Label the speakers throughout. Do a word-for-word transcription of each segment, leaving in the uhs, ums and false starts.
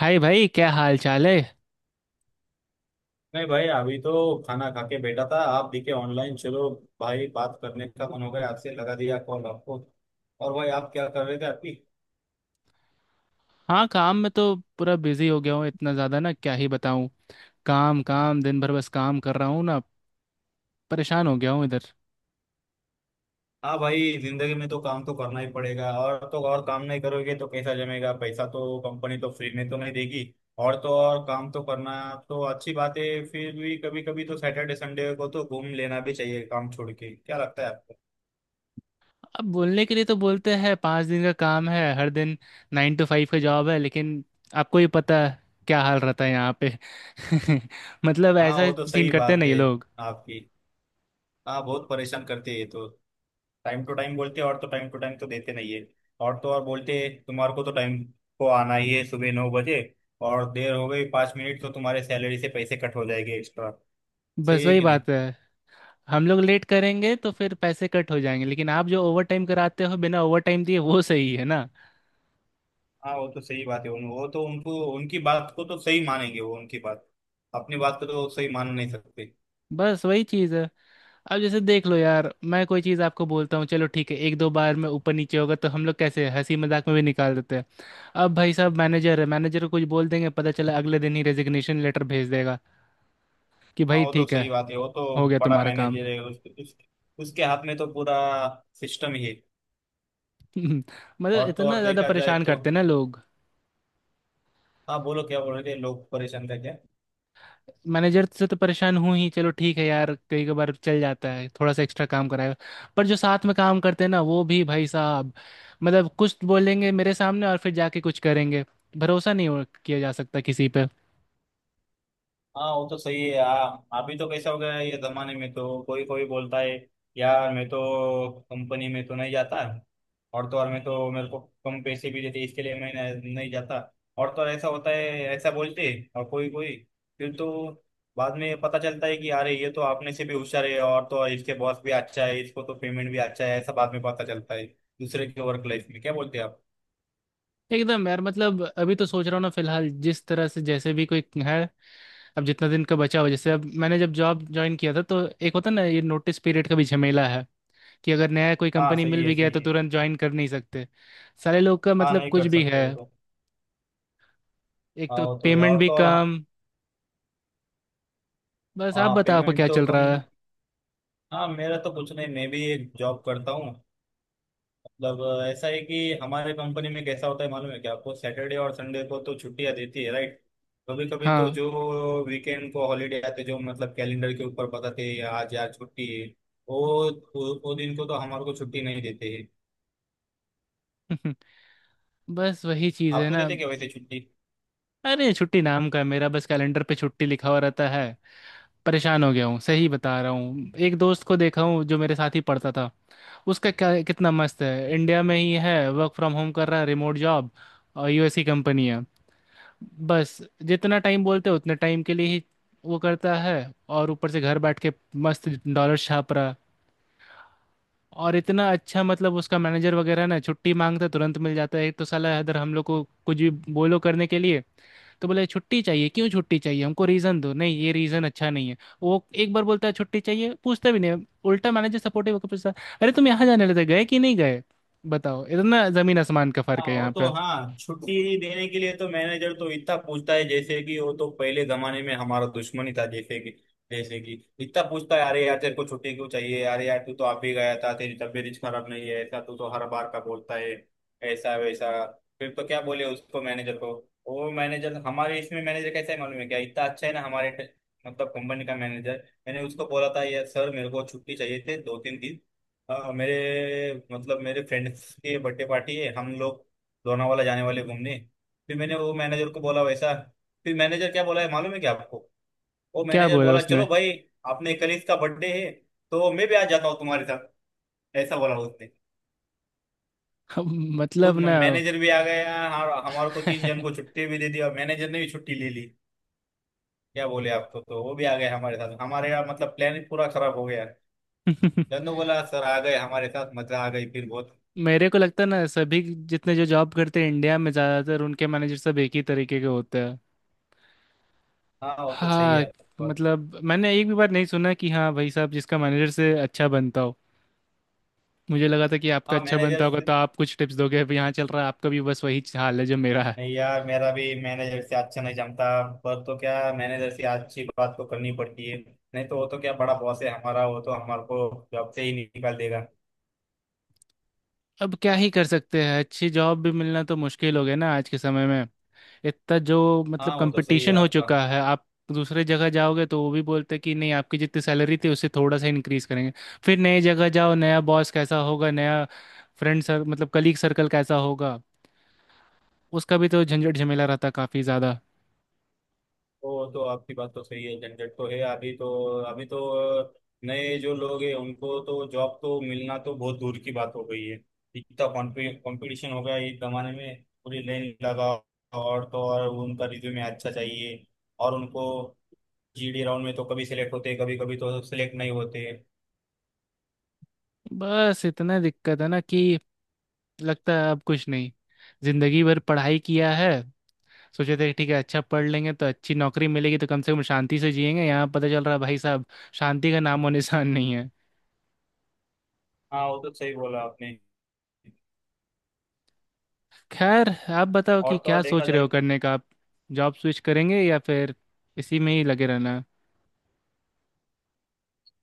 Speaker 1: हाय भाई, क्या हाल चाल है।
Speaker 2: नहीं भाई, अभी तो खाना खा के बैठा था। आप दिखे ऑनलाइन, चलो भाई, बात करने का मन हो गया आपसे, लगा दिया कॉल आपको। और भाई, आप क्या कर रहे थे अभी।
Speaker 1: हाँ, काम में तो पूरा बिजी हो गया हूँ इतना ज़्यादा ना, क्या ही बताऊँ। काम काम दिन भर बस काम कर रहा हूँ ना। परेशान हो गया हूँ इधर।
Speaker 2: हाँ भाई, जिंदगी में तो काम तो करना ही पड़ेगा, और तो और काम नहीं करोगे तो कैसा जमेगा, पैसा तो कंपनी तो फ्री में तो नहीं देगी। और तो और काम तो करना तो अच्छी बात है, फिर भी कभी कभी तो सैटरडे संडे को तो घूम लेना भी चाहिए काम छोड़ के, क्या लगता है आपको।
Speaker 1: अब बोलने के लिए तो बोलते हैं पाँच दिन का काम है हर दिन, नाइन टू फाइव का जॉब है, लेकिन आपको ही पता है क्या हाल रहता है यहाँ पे। मतलब
Speaker 2: हाँ,
Speaker 1: ऐसा
Speaker 2: वो तो
Speaker 1: सीन
Speaker 2: सही
Speaker 1: करते हैं
Speaker 2: बात
Speaker 1: ना ये
Speaker 2: है
Speaker 1: लोग।
Speaker 2: आपकी। हाँ, बहुत परेशान करती है ये तो। टाइम टू टाइम बोलते हैं और तो टाइम टू टाइम तो देते नहीं है। और तो और बोलते हैं तुम्हारे को तो टाइम को आना ही है सुबह नौ बजे, और देर हो गई पाँच मिनट तो तुम्हारे सैलरी से पैसे कट हो जाएंगे एक्स्ट्रा। सही
Speaker 1: बस
Speaker 2: है
Speaker 1: वही
Speaker 2: कि नहीं।
Speaker 1: बात है। हम लोग लेट करेंगे तो फिर पैसे कट हो जाएंगे, लेकिन आप जो ओवर टाइम कराते हो बिना ओवर टाइम दिए, वो सही है ना।
Speaker 2: हाँ, वो तो सही बात है। उन वो तो उनको उनकी बात को तो सही मानेंगे, वो उनकी बात। अपनी बात को तो सही मान नहीं सकते।
Speaker 1: बस वही चीज़ है। अब जैसे देख लो यार, मैं कोई चीज़ आपको बोलता हूँ, चलो ठीक है, एक दो बार में ऊपर नीचे होगा तो हम लोग कैसे हंसी मजाक में भी निकाल देते हैं। अब भाई साहब मैनेजर है, मैनेजर को कुछ बोल देंगे पता चला अगले दिन ही रेजिग्नेशन लेटर भेज देगा। कि
Speaker 2: हाँ
Speaker 1: भाई
Speaker 2: वो तो
Speaker 1: ठीक है,
Speaker 2: सही बात है वो तो।
Speaker 1: हो गया
Speaker 2: बड़ा
Speaker 1: तुम्हारा काम।
Speaker 2: मैनेजर है उस, उस, उसके हाथ में तो पूरा सिस्टम ही है।
Speaker 1: मतलब
Speaker 2: और तो
Speaker 1: इतना
Speaker 2: और
Speaker 1: ज़्यादा
Speaker 2: देखा जाए
Speaker 1: परेशान
Speaker 2: तो।
Speaker 1: करते हैं ना लोग।
Speaker 2: हाँ बोलो, क्या बोल रहे थे, लोग परेशान थे क्या।
Speaker 1: मैनेजर से तो परेशान हूँ ही, चलो ठीक है यार, कई कई बार चल जाता है थोड़ा सा एक्स्ट्रा काम कराएगा। पर जो साथ में काम करते हैं ना वो भी भाई साहब, मतलब कुछ बोलेंगे मेरे सामने और फिर जाके कुछ करेंगे। भरोसा नहीं हो- किया जा सकता किसी पे।
Speaker 2: हाँ वो तो सही है। हाँ अभी तो कैसा हो गया है ये जमाने में, तो कोई कोई बोलता है यार मैं तो कंपनी में तो नहीं जाता, और तो और मैं तो मेरे को कम पैसे भी देते इसके लिए मैं नहीं नहीं जाता। और तो और ऐसा होता है, ऐसा बोलते हैं, और कोई कोई फिर तो बाद में पता चलता है कि अरे ये तो आपने से भी होशियार है, और तो और इसके बॉस भी अच्छा है, इसको तो पेमेंट भी अच्छा है, ऐसा बाद में पता चलता है दूसरे के वर्क लाइफ में, क्या बोलते हैं आप।
Speaker 1: एकदम यार, मतलब अभी तो सोच रहा हूँ ना, फिलहाल जिस तरह से जैसे भी कोई है। अब जितना दिन का बचा हो, जैसे अब मैंने जब जॉब ज्वाइन किया था तो एक होता ना ये नोटिस पीरियड का भी झमेला है। कि अगर नया कोई
Speaker 2: हाँ
Speaker 1: कंपनी मिल
Speaker 2: सही है,
Speaker 1: भी गया तो
Speaker 2: सही है।
Speaker 1: तुरंत ज्वाइन कर नहीं सकते। सारे लोग का
Speaker 2: हाँ
Speaker 1: मतलब
Speaker 2: नहीं
Speaker 1: कुछ
Speaker 2: कर
Speaker 1: भी
Speaker 2: सकते
Speaker 1: है।
Speaker 2: हो तो।
Speaker 1: एक
Speaker 2: हाँ
Speaker 1: तो
Speaker 2: वो तो है।
Speaker 1: पेमेंट
Speaker 2: और
Speaker 1: भी
Speaker 2: तो और हाँ।
Speaker 1: कम। बस आप
Speaker 2: हाँ,
Speaker 1: बताओ आपका
Speaker 2: पेमेंट
Speaker 1: क्या
Speaker 2: तो
Speaker 1: चल
Speaker 2: कम।
Speaker 1: रहा है।
Speaker 2: हाँ, मेरा तो कुछ नहीं, मैं भी एक जॉब करता हूँ। मतलब अ, ऐसा है कि हमारे कंपनी में कैसा होता है मालूम है क्या आपको, सैटरडे और संडे को तो छुट्टियाँ देती है, राइट। कभी कभी तो
Speaker 1: हाँ।
Speaker 2: जो वीकेंड को हॉलीडे आते, जो मतलब कैलेंडर के ऊपर बताते हैं आज यार छुट्टी है, वो वो वो दिन को तो हमारे को छुट्टी नहीं देते हैं।
Speaker 1: बस वही चीज़ है
Speaker 2: आपको
Speaker 1: ना।
Speaker 2: देते क्या वैसे छुट्टी।
Speaker 1: अरे छुट्टी नाम का है मेरा, बस कैलेंडर पे छुट्टी लिखा हुआ रहता है। परेशान हो गया हूँ, सही बता रहा हूँ, एक दोस्त को देखा हूँ जो मेरे साथ ही पढ़ता था। उसका क्या कितना मस्त है, इंडिया में ही है, वर्क फ्रॉम होम कर रहा है, रिमोट जॉब। और यूएस की कंपनी है। बस जितना टाइम बोलते हैं उतने टाइम के लिए ही वो करता है। और ऊपर से घर बैठ के मस्त डॉलर छाप रहा है। और इतना अच्छा, मतलब उसका मैनेजर वगैरह ना छुट्टी मांगता है, तुरंत मिल जाता है। एक तो साला इधर हम लोग को कुछ भी बोलो करने के लिए तो बोले छुट्टी चाहिए क्यों, छुट्टी चाहिए हमको रीज़न दो, नहीं ये रीज़न अच्छा नहीं है। वो एक बार बोलता है छुट्टी चाहिए, पूछता भी नहीं, उल्टा मैनेजर सपोर्टिव होकर पूछता, अरे तुम यहाँ जाने लेते गए कि नहीं गए। बताओ, इतना ज़मीन आसमान का
Speaker 2: हाँ
Speaker 1: फ़र्क है
Speaker 2: वो
Speaker 1: यहाँ
Speaker 2: तो।
Speaker 1: पे।
Speaker 2: हाँ, छुट्टी देने के लिए तो मैनेजर तो इतना पूछता है, जैसे कि वो तो पहले जमाने में हमारा दुश्मन ही था। जैसे कि जैसे कि इतना पूछता है, अरे यार तेरे को छुट्टी क्यों चाहिए, अरे यार तू तो आप ही गया था, तेरी तबीयत खराब नहीं है, ऐसा तू तो हर बार का बोलता है, ऐसा वैसा। फिर तो क्या बोले उसको मैनेजर को। वो मैनेजर हमारे इसमें मैनेजर कैसा है मालूम है क्या, इतना अच्छा है ना हमारे ट- मतलब कंपनी का मैनेजर। मैंने उसको बोला था, यार सर मेरे को छुट्टी चाहिए थे दो तीन दिन। हाँ मेरे, मतलब मेरे फ्रेंड्स की बर्थडे पार्टी है, हम लोग लोनावाला जाने वाले घूमने। फिर मैंने वो मैनेजर को बोला वैसा। फिर मैनेजर क्या बोला है मालूम है क्या आपको। वो
Speaker 1: क्या
Speaker 2: मैनेजर
Speaker 1: बोला
Speaker 2: बोला,
Speaker 1: उसने।
Speaker 2: चलो भाई, आपने कलीस का बर्थडे है, तो मैं भी आ जाता हूँ तुम्हारे साथ, ऐसा बोला उसने। खुद
Speaker 1: मतलब ना।
Speaker 2: मैनेजर भी आ गया, और हमारे को तीन जन को छुट्टी भी दे दी, और मैनेजर ने भी छुट्टी ले ली। क्या बोले आपको, तो तो वो भी आ गए हमारे साथ, हमारे यहाँ मतलब प्लान पूरा खराब हो गया। जन्नू बोला सर आ गए हमारे साथ, मजा आ गई फिर बहुत।
Speaker 1: मेरे को लगता है ना सभी जितने जो जॉब करते हैं इंडिया में ज़्यादातर उनके मैनेजर सब एक ही तरीके के होते हैं।
Speaker 2: हाँ वो तो सही
Speaker 1: हाँ।
Speaker 2: है बहुत।
Speaker 1: मतलब मैंने एक भी बार नहीं सुना कि हाँ भाई साहब जिसका मैनेजर से अच्छा बनता हो। मुझे लगा था कि आपका
Speaker 2: हाँ
Speaker 1: अच्छा बनता होगा
Speaker 2: मैनेजर।
Speaker 1: तो आप कुछ टिप्स दोगे, अब यहाँ चल रहा है आपका भी बस वही हाल है जो मेरा है।
Speaker 2: नहीं यार, मेरा भी मैनेजर से अच्छा नहीं जमता। पर तो क्या, मैनेजर से अच्छी बात तो करनी पड़ती है, नहीं तो वो तो क्या, बड़ा बॉस है हमारा, वो तो हमारे को जॉब से ही निकाल देगा।
Speaker 1: अब क्या ही कर सकते हैं, अच्छी जॉब भी मिलना तो मुश्किल हो गया ना आज के समय में। इतना जो मतलब
Speaker 2: हाँ वो तो सही है
Speaker 1: कंपटीशन हो
Speaker 2: आपका।
Speaker 1: चुका है, आप दूसरे जगह जाओगे तो वो भी बोलते हैं कि नहीं आपकी जितनी सैलरी थी उससे थोड़ा सा इंक्रीज करेंगे। फिर नई जगह जाओ, नया बॉस कैसा होगा, नया फ्रेंड सर मतलब कलीग सर्कल कैसा होगा। उसका भी तो झंझट झमेला रहता काफ़ी ज़्यादा।
Speaker 2: वो तो आपकी बात तो सही है, झंझट तो है। अभी तो, अभी तो नए जो लोग हैं उनको तो जॉब तो मिलना तो बहुत दूर की बात हो गई है, इतना कंपटीशन हो गया है इस जमाने में, पूरी लाइन लगा। और तो और उनका रिज्यूमे अच्छा चाहिए, और उनको जीडी राउंड में तो कभी सिलेक्ट होते, कभी कभी तो सिलेक्ट नहीं होते।
Speaker 1: बस इतना दिक्कत है ना कि लगता है अब कुछ नहीं। जिंदगी भर पढ़ाई किया है, सोचे थे ठीक है अच्छा पढ़ लेंगे तो अच्छी नौकरी मिलेगी तो कम से कम शांति से जिएंगे, यहाँ पता चल रहा है भाई साहब, शांति का नामो निशान नहीं है।
Speaker 2: हाँ वो तो सही बोला आपने।
Speaker 1: खैर, आप बताओ
Speaker 2: और
Speaker 1: कि
Speaker 2: तो
Speaker 1: क्या
Speaker 2: और देखा
Speaker 1: सोच रहे
Speaker 2: जाए।
Speaker 1: हो करने का आप, जॉब स्विच करेंगे या फिर इसी में ही लगे रहना है।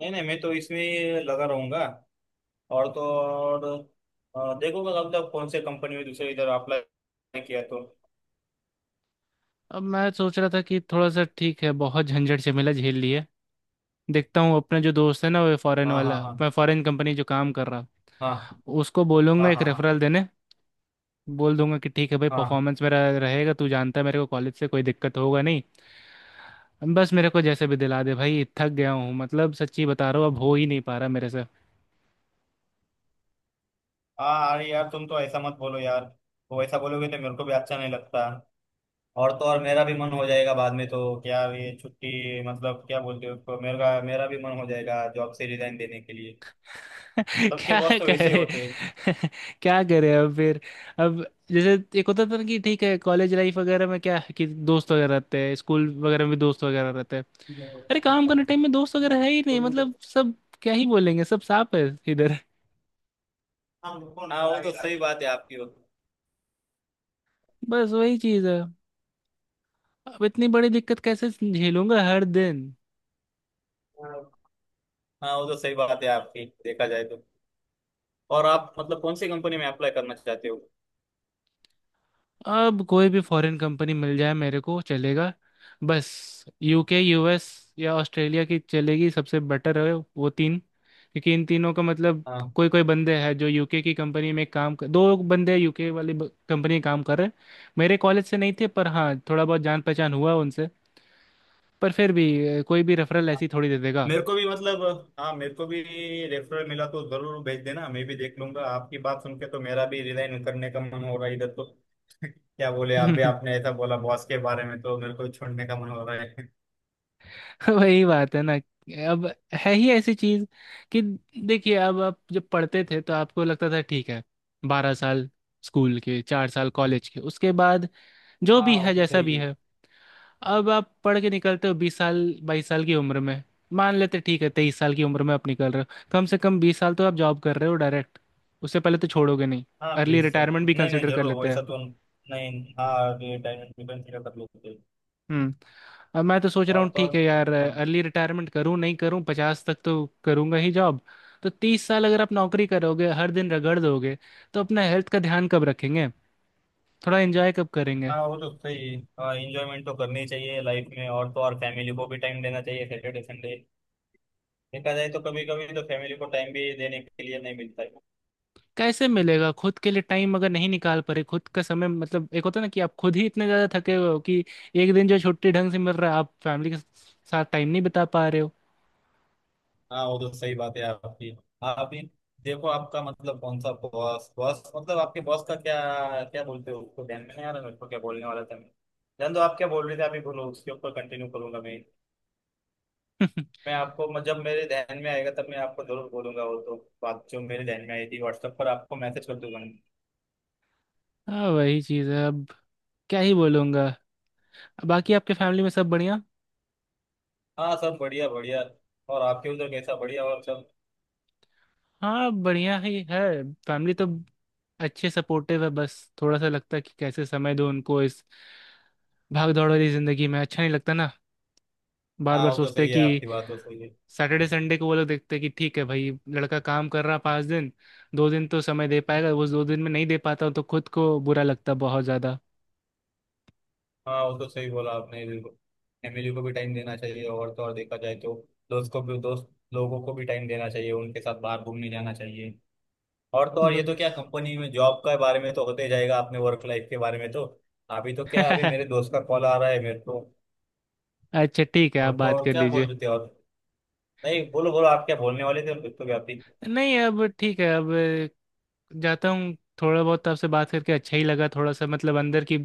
Speaker 2: नहीं नहीं, मैं तो इसमें लगा रहूंगा। और तो और अ, देखो मैं मतलब कौन से कंपनी में दूसरे इधर अप्लाई किया तो।
Speaker 1: अब मैं सोच रहा था कि थोड़ा सा ठीक है, बहुत झंझट झमेला झेल लिए। देखता हूँ अपना जो दोस्त है ना वो फॉरेन
Speaker 2: हाँ हाँ
Speaker 1: वाला,
Speaker 2: हाँ।
Speaker 1: मैं फॉरेन कंपनी जो काम कर रहा,
Speaker 2: हाँ
Speaker 1: उसको
Speaker 2: हाँ
Speaker 1: बोलूंगा एक
Speaker 2: हाँ। हाँ
Speaker 1: रेफरल देने। बोल दूंगा कि ठीक है भाई,
Speaker 2: हाँ।
Speaker 1: परफॉर्मेंस मेरा रहेगा, तू जानता है मेरे को, कॉलेज से कोई दिक्कत होगा नहीं। बस मेरे को जैसे भी दिला दे भाई, थक गया हूँ, मतलब सच्ची बता रहा हूँ, अब हो ही नहीं पा रहा मेरे से।
Speaker 2: हाँ, अरे यार तुम तो ऐसा मत बोलो यार, वो ऐसा बोलोगे तो मेरे को भी अच्छा नहीं लगता। और तो और मेरा भी मन हो जाएगा बाद में, तो क्या ये छुट्टी मतलब क्या बोलते हो उसको, मेरा मेरा भी मन हो जाएगा जॉब से रिजाइन देने के लिए। सबके
Speaker 1: क्या
Speaker 2: बॉस तो वैसे ही
Speaker 1: करे।
Speaker 2: होते हैं।
Speaker 1: क्या करे अब फिर। अब जैसे एक होता था ना कि ठीक है कॉलेज लाइफ वगैरह में क्या है कि दोस्त वगैरह रहते हैं, स्कूल वगैरह में भी दोस्त वगैरह रहते हैं। अरे काम करने टाइम में दोस्त वगैरह है ही नहीं, मतलब सब क्या ही बोलेंगे, सब सांप है इधर।
Speaker 2: हाँ वो तो सही बात है आपकी, वो।
Speaker 1: बस वही चीज़ है। अब इतनी बड़ी दिक्कत कैसे झेलूंगा हर दिन।
Speaker 2: हाँ वो तो सही बात है आपकी, देखा जाए तो। और आप मतलब कौन सी कंपनी में अप्लाई करना चाहते हो।
Speaker 1: अब कोई भी फॉरेन कंपनी मिल जाए मेरे को चलेगा। बस यूके, यूएस या ऑस्ट्रेलिया की चलेगी, सबसे बेटर है वो तीन, क्योंकि इन तीनों का मतलब
Speaker 2: हाँ
Speaker 1: कोई कोई बंदे हैं जो यूके की कंपनी में काम कर, दो बंदे यूके वाली ब- कंपनी में काम कर रहे हैं। मेरे कॉलेज से नहीं थे, पर हाँ थोड़ा बहुत जान पहचान हुआ उनसे। पर फिर भी अ, कोई भी रेफरल ऐसी थोड़ी दे देगा।
Speaker 2: मेरे को भी मतलब। हाँ मेरे को भी रेफरल मिला तो जरूर भेज देना, मैं भी देख लूंगा। आपकी बात सुन के तो मेरा भी रिजाइन करने का मन हो रहा है इधर तो। क्या बोले, आप भी आपने ऐसा बोला बॉस के बारे में, तो मेरे को भी छोड़ने का मन हो रहा है।
Speaker 1: वही बात है ना। अब है ही ऐसी चीज कि देखिए, अब आप जब पढ़ते थे तो आपको लगता था ठीक है, बारह साल स्कूल के, चार साल कॉलेज के, उसके बाद जो
Speaker 2: हाँ
Speaker 1: भी
Speaker 2: वो
Speaker 1: है
Speaker 2: तो
Speaker 1: जैसा
Speaker 2: सही
Speaker 1: भी
Speaker 2: है।
Speaker 1: है। अब आप पढ़ के निकलते हो बीस साल, बाईस साल की उम्र में, मान लेते ठीक है तेईस साल की उम्र में आप निकल रहे हो, कम से कम बीस साल तो आप जॉब कर रहे हो डायरेक्ट। उससे पहले तो छोड़ोगे नहीं।
Speaker 2: हाँ
Speaker 1: अर्ली
Speaker 2: प्लीज सर।
Speaker 1: रिटायरमेंट भी
Speaker 2: नहीं नहीं,
Speaker 1: कंसिडर कर
Speaker 2: जरूर
Speaker 1: लेते हैं।
Speaker 2: वैसा तो नहीं। हाँ डायमंड डिफेंस का कर लेते हैं।
Speaker 1: हम्म, अब मैं तो सोच रहा
Speaker 2: और
Speaker 1: हूँ
Speaker 2: तो और
Speaker 1: ठीक है यार,
Speaker 2: हाँ।
Speaker 1: अर्ली रिटायरमेंट करूँ नहीं करूँ, पचास तक तो करूँगा ही जॉब। तो तीस साल अगर आप नौकरी करोगे हर दिन रगड़ दोगे, तो अपना हेल्थ का ध्यान कब रखेंगे, थोड़ा एंजॉय कब करेंगे।
Speaker 2: हाँ वो तो सही है, इंजॉयमेंट तो करनी ही चाहिए लाइफ में, और तो और फैमिली को भी टाइम देना चाहिए सैटरडे संडे। देखा जाए तो कभी कभी तो फैमिली को टाइम भी देने के लिए नहीं मिलता है।
Speaker 1: कैसे मिलेगा खुद के लिए टाइम अगर नहीं निकाल पा रहे खुद का समय, मतलब एक होता है ना कि आप खुद ही इतने ज़्यादा थके हुए हो कि एक दिन जो छुट्टी ढंग से मिल रहा है आप फैमिली के साथ टाइम नहीं बिता पा रहे हो।
Speaker 2: हाँ वो तो सही बात है आपकी। आप ही देखो, आपका मतलब कौन सा बॉस, बॉस मतलब आपके बॉस का क्या क्या बोलते हो उसको, ध्यान में नहीं आ रहा मेरे को क्या बोलने वाला था मैं। जान दो, आप क्या बोल रहे थे आप ही बोलो, उसके ऊपर कंटिन्यू करूंगा मैं। मैं आपको म- जब मेरे ध्यान में आएगा तब मैं आपको जरूर बोलूंगा वो तो, बात जो मेरे ध्यान में आई थी व्हाट्सएप पर आपको मैसेज कर दूंगा मैं।
Speaker 1: हाँ, वही चीज़ है अब, क्या ही बोलूँगा। बाकी आपके फैमिली में सब बढ़िया।
Speaker 2: हाँ सब बढ़िया बढ़िया। और आपके उधर कैसा बढ़िया और सब।
Speaker 1: हाँ बढ़िया ही है। फैमिली तो अच्छे सपोर्टिव है, बस थोड़ा सा लगता है कि कैसे समय दो उनको इस भाग दौड़ वाली जिंदगी में, अच्छा नहीं लगता ना, बार
Speaker 2: हाँ
Speaker 1: बार
Speaker 2: वो तो
Speaker 1: सोचते
Speaker 2: सही
Speaker 1: हैं
Speaker 2: है
Speaker 1: कि
Speaker 2: आपकी बात तो सही है।
Speaker 1: सैटरडे संडे को वो लोग देखते हैं कि ठीक है भाई लड़का काम कर रहा पाँच दिन, दो दिन तो समय दे पाएगा, वो दो दिन में नहीं दे पाता हूं तो खुद को बुरा लगता बहुत ज्यादा।
Speaker 2: हाँ वो तो सही बोला आपने बिल्कुल, फैमिली को भी टाइम देना चाहिए, और तो और देखा जाए तो, दोस्त को भी दोस्त लोगों को भी टाइम देना चाहिए, उनके साथ बाहर घूमने जाना चाहिए। और तो और ये तो क्या
Speaker 1: बस।
Speaker 2: कंपनी में जॉब के बारे में तो होते जाएगा, अपने वर्क लाइफ के बारे में तो। अभी तो क्या, अभी मेरे दोस्त का कॉल आ रहा है मेरे को।
Speaker 1: अच्छा ठीक है, आप
Speaker 2: और तो
Speaker 1: बात
Speaker 2: और
Speaker 1: कर
Speaker 2: क्या बोल
Speaker 1: लीजिए।
Speaker 2: रहे थे, और नहीं बोलो बोलो आप क्या बोलने वाले थे तो, भी आप भी।
Speaker 1: नहीं, अब ठीक है अब, जाता हूँ। थोड़ा बहुत आपसे बात करके अच्छा ही लगा, थोड़ा सा मतलब अंदर की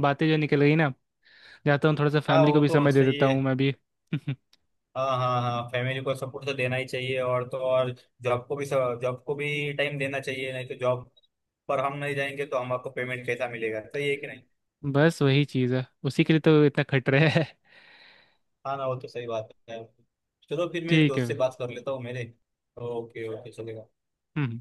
Speaker 1: बातें जो निकल गई ना, जाता हूँ, थोड़ा सा
Speaker 2: हाँ
Speaker 1: फैमिली को
Speaker 2: वो
Speaker 1: भी
Speaker 2: तो
Speaker 1: समय दे
Speaker 2: सही
Speaker 1: देता
Speaker 2: है।
Speaker 1: हूँ मैं भी।
Speaker 2: हाँ हाँ हाँ, फैमिली को सपोर्ट तो देना ही चाहिए, और तो और जॉब को भी, जॉब को भी टाइम देना चाहिए, नहीं तो जॉब पर हम नहीं जाएंगे तो हमको पेमेंट कैसा मिलेगा, सही है कि नहीं।
Speaker 1: बस वही चीज़ है, उसी के लिए तो इतना खट रहा है।
Speaker 2: हाँ ना वो तो सही बात है। चलो फिर मैं
Speaker 1: ठीक है
Speaker 2: दोस्त से
Speaker 1: भाई।
Speaker 2: बात कर लेता हूँ मेरे। ओके ओके चलेगा।
Speaker 1: हम्म।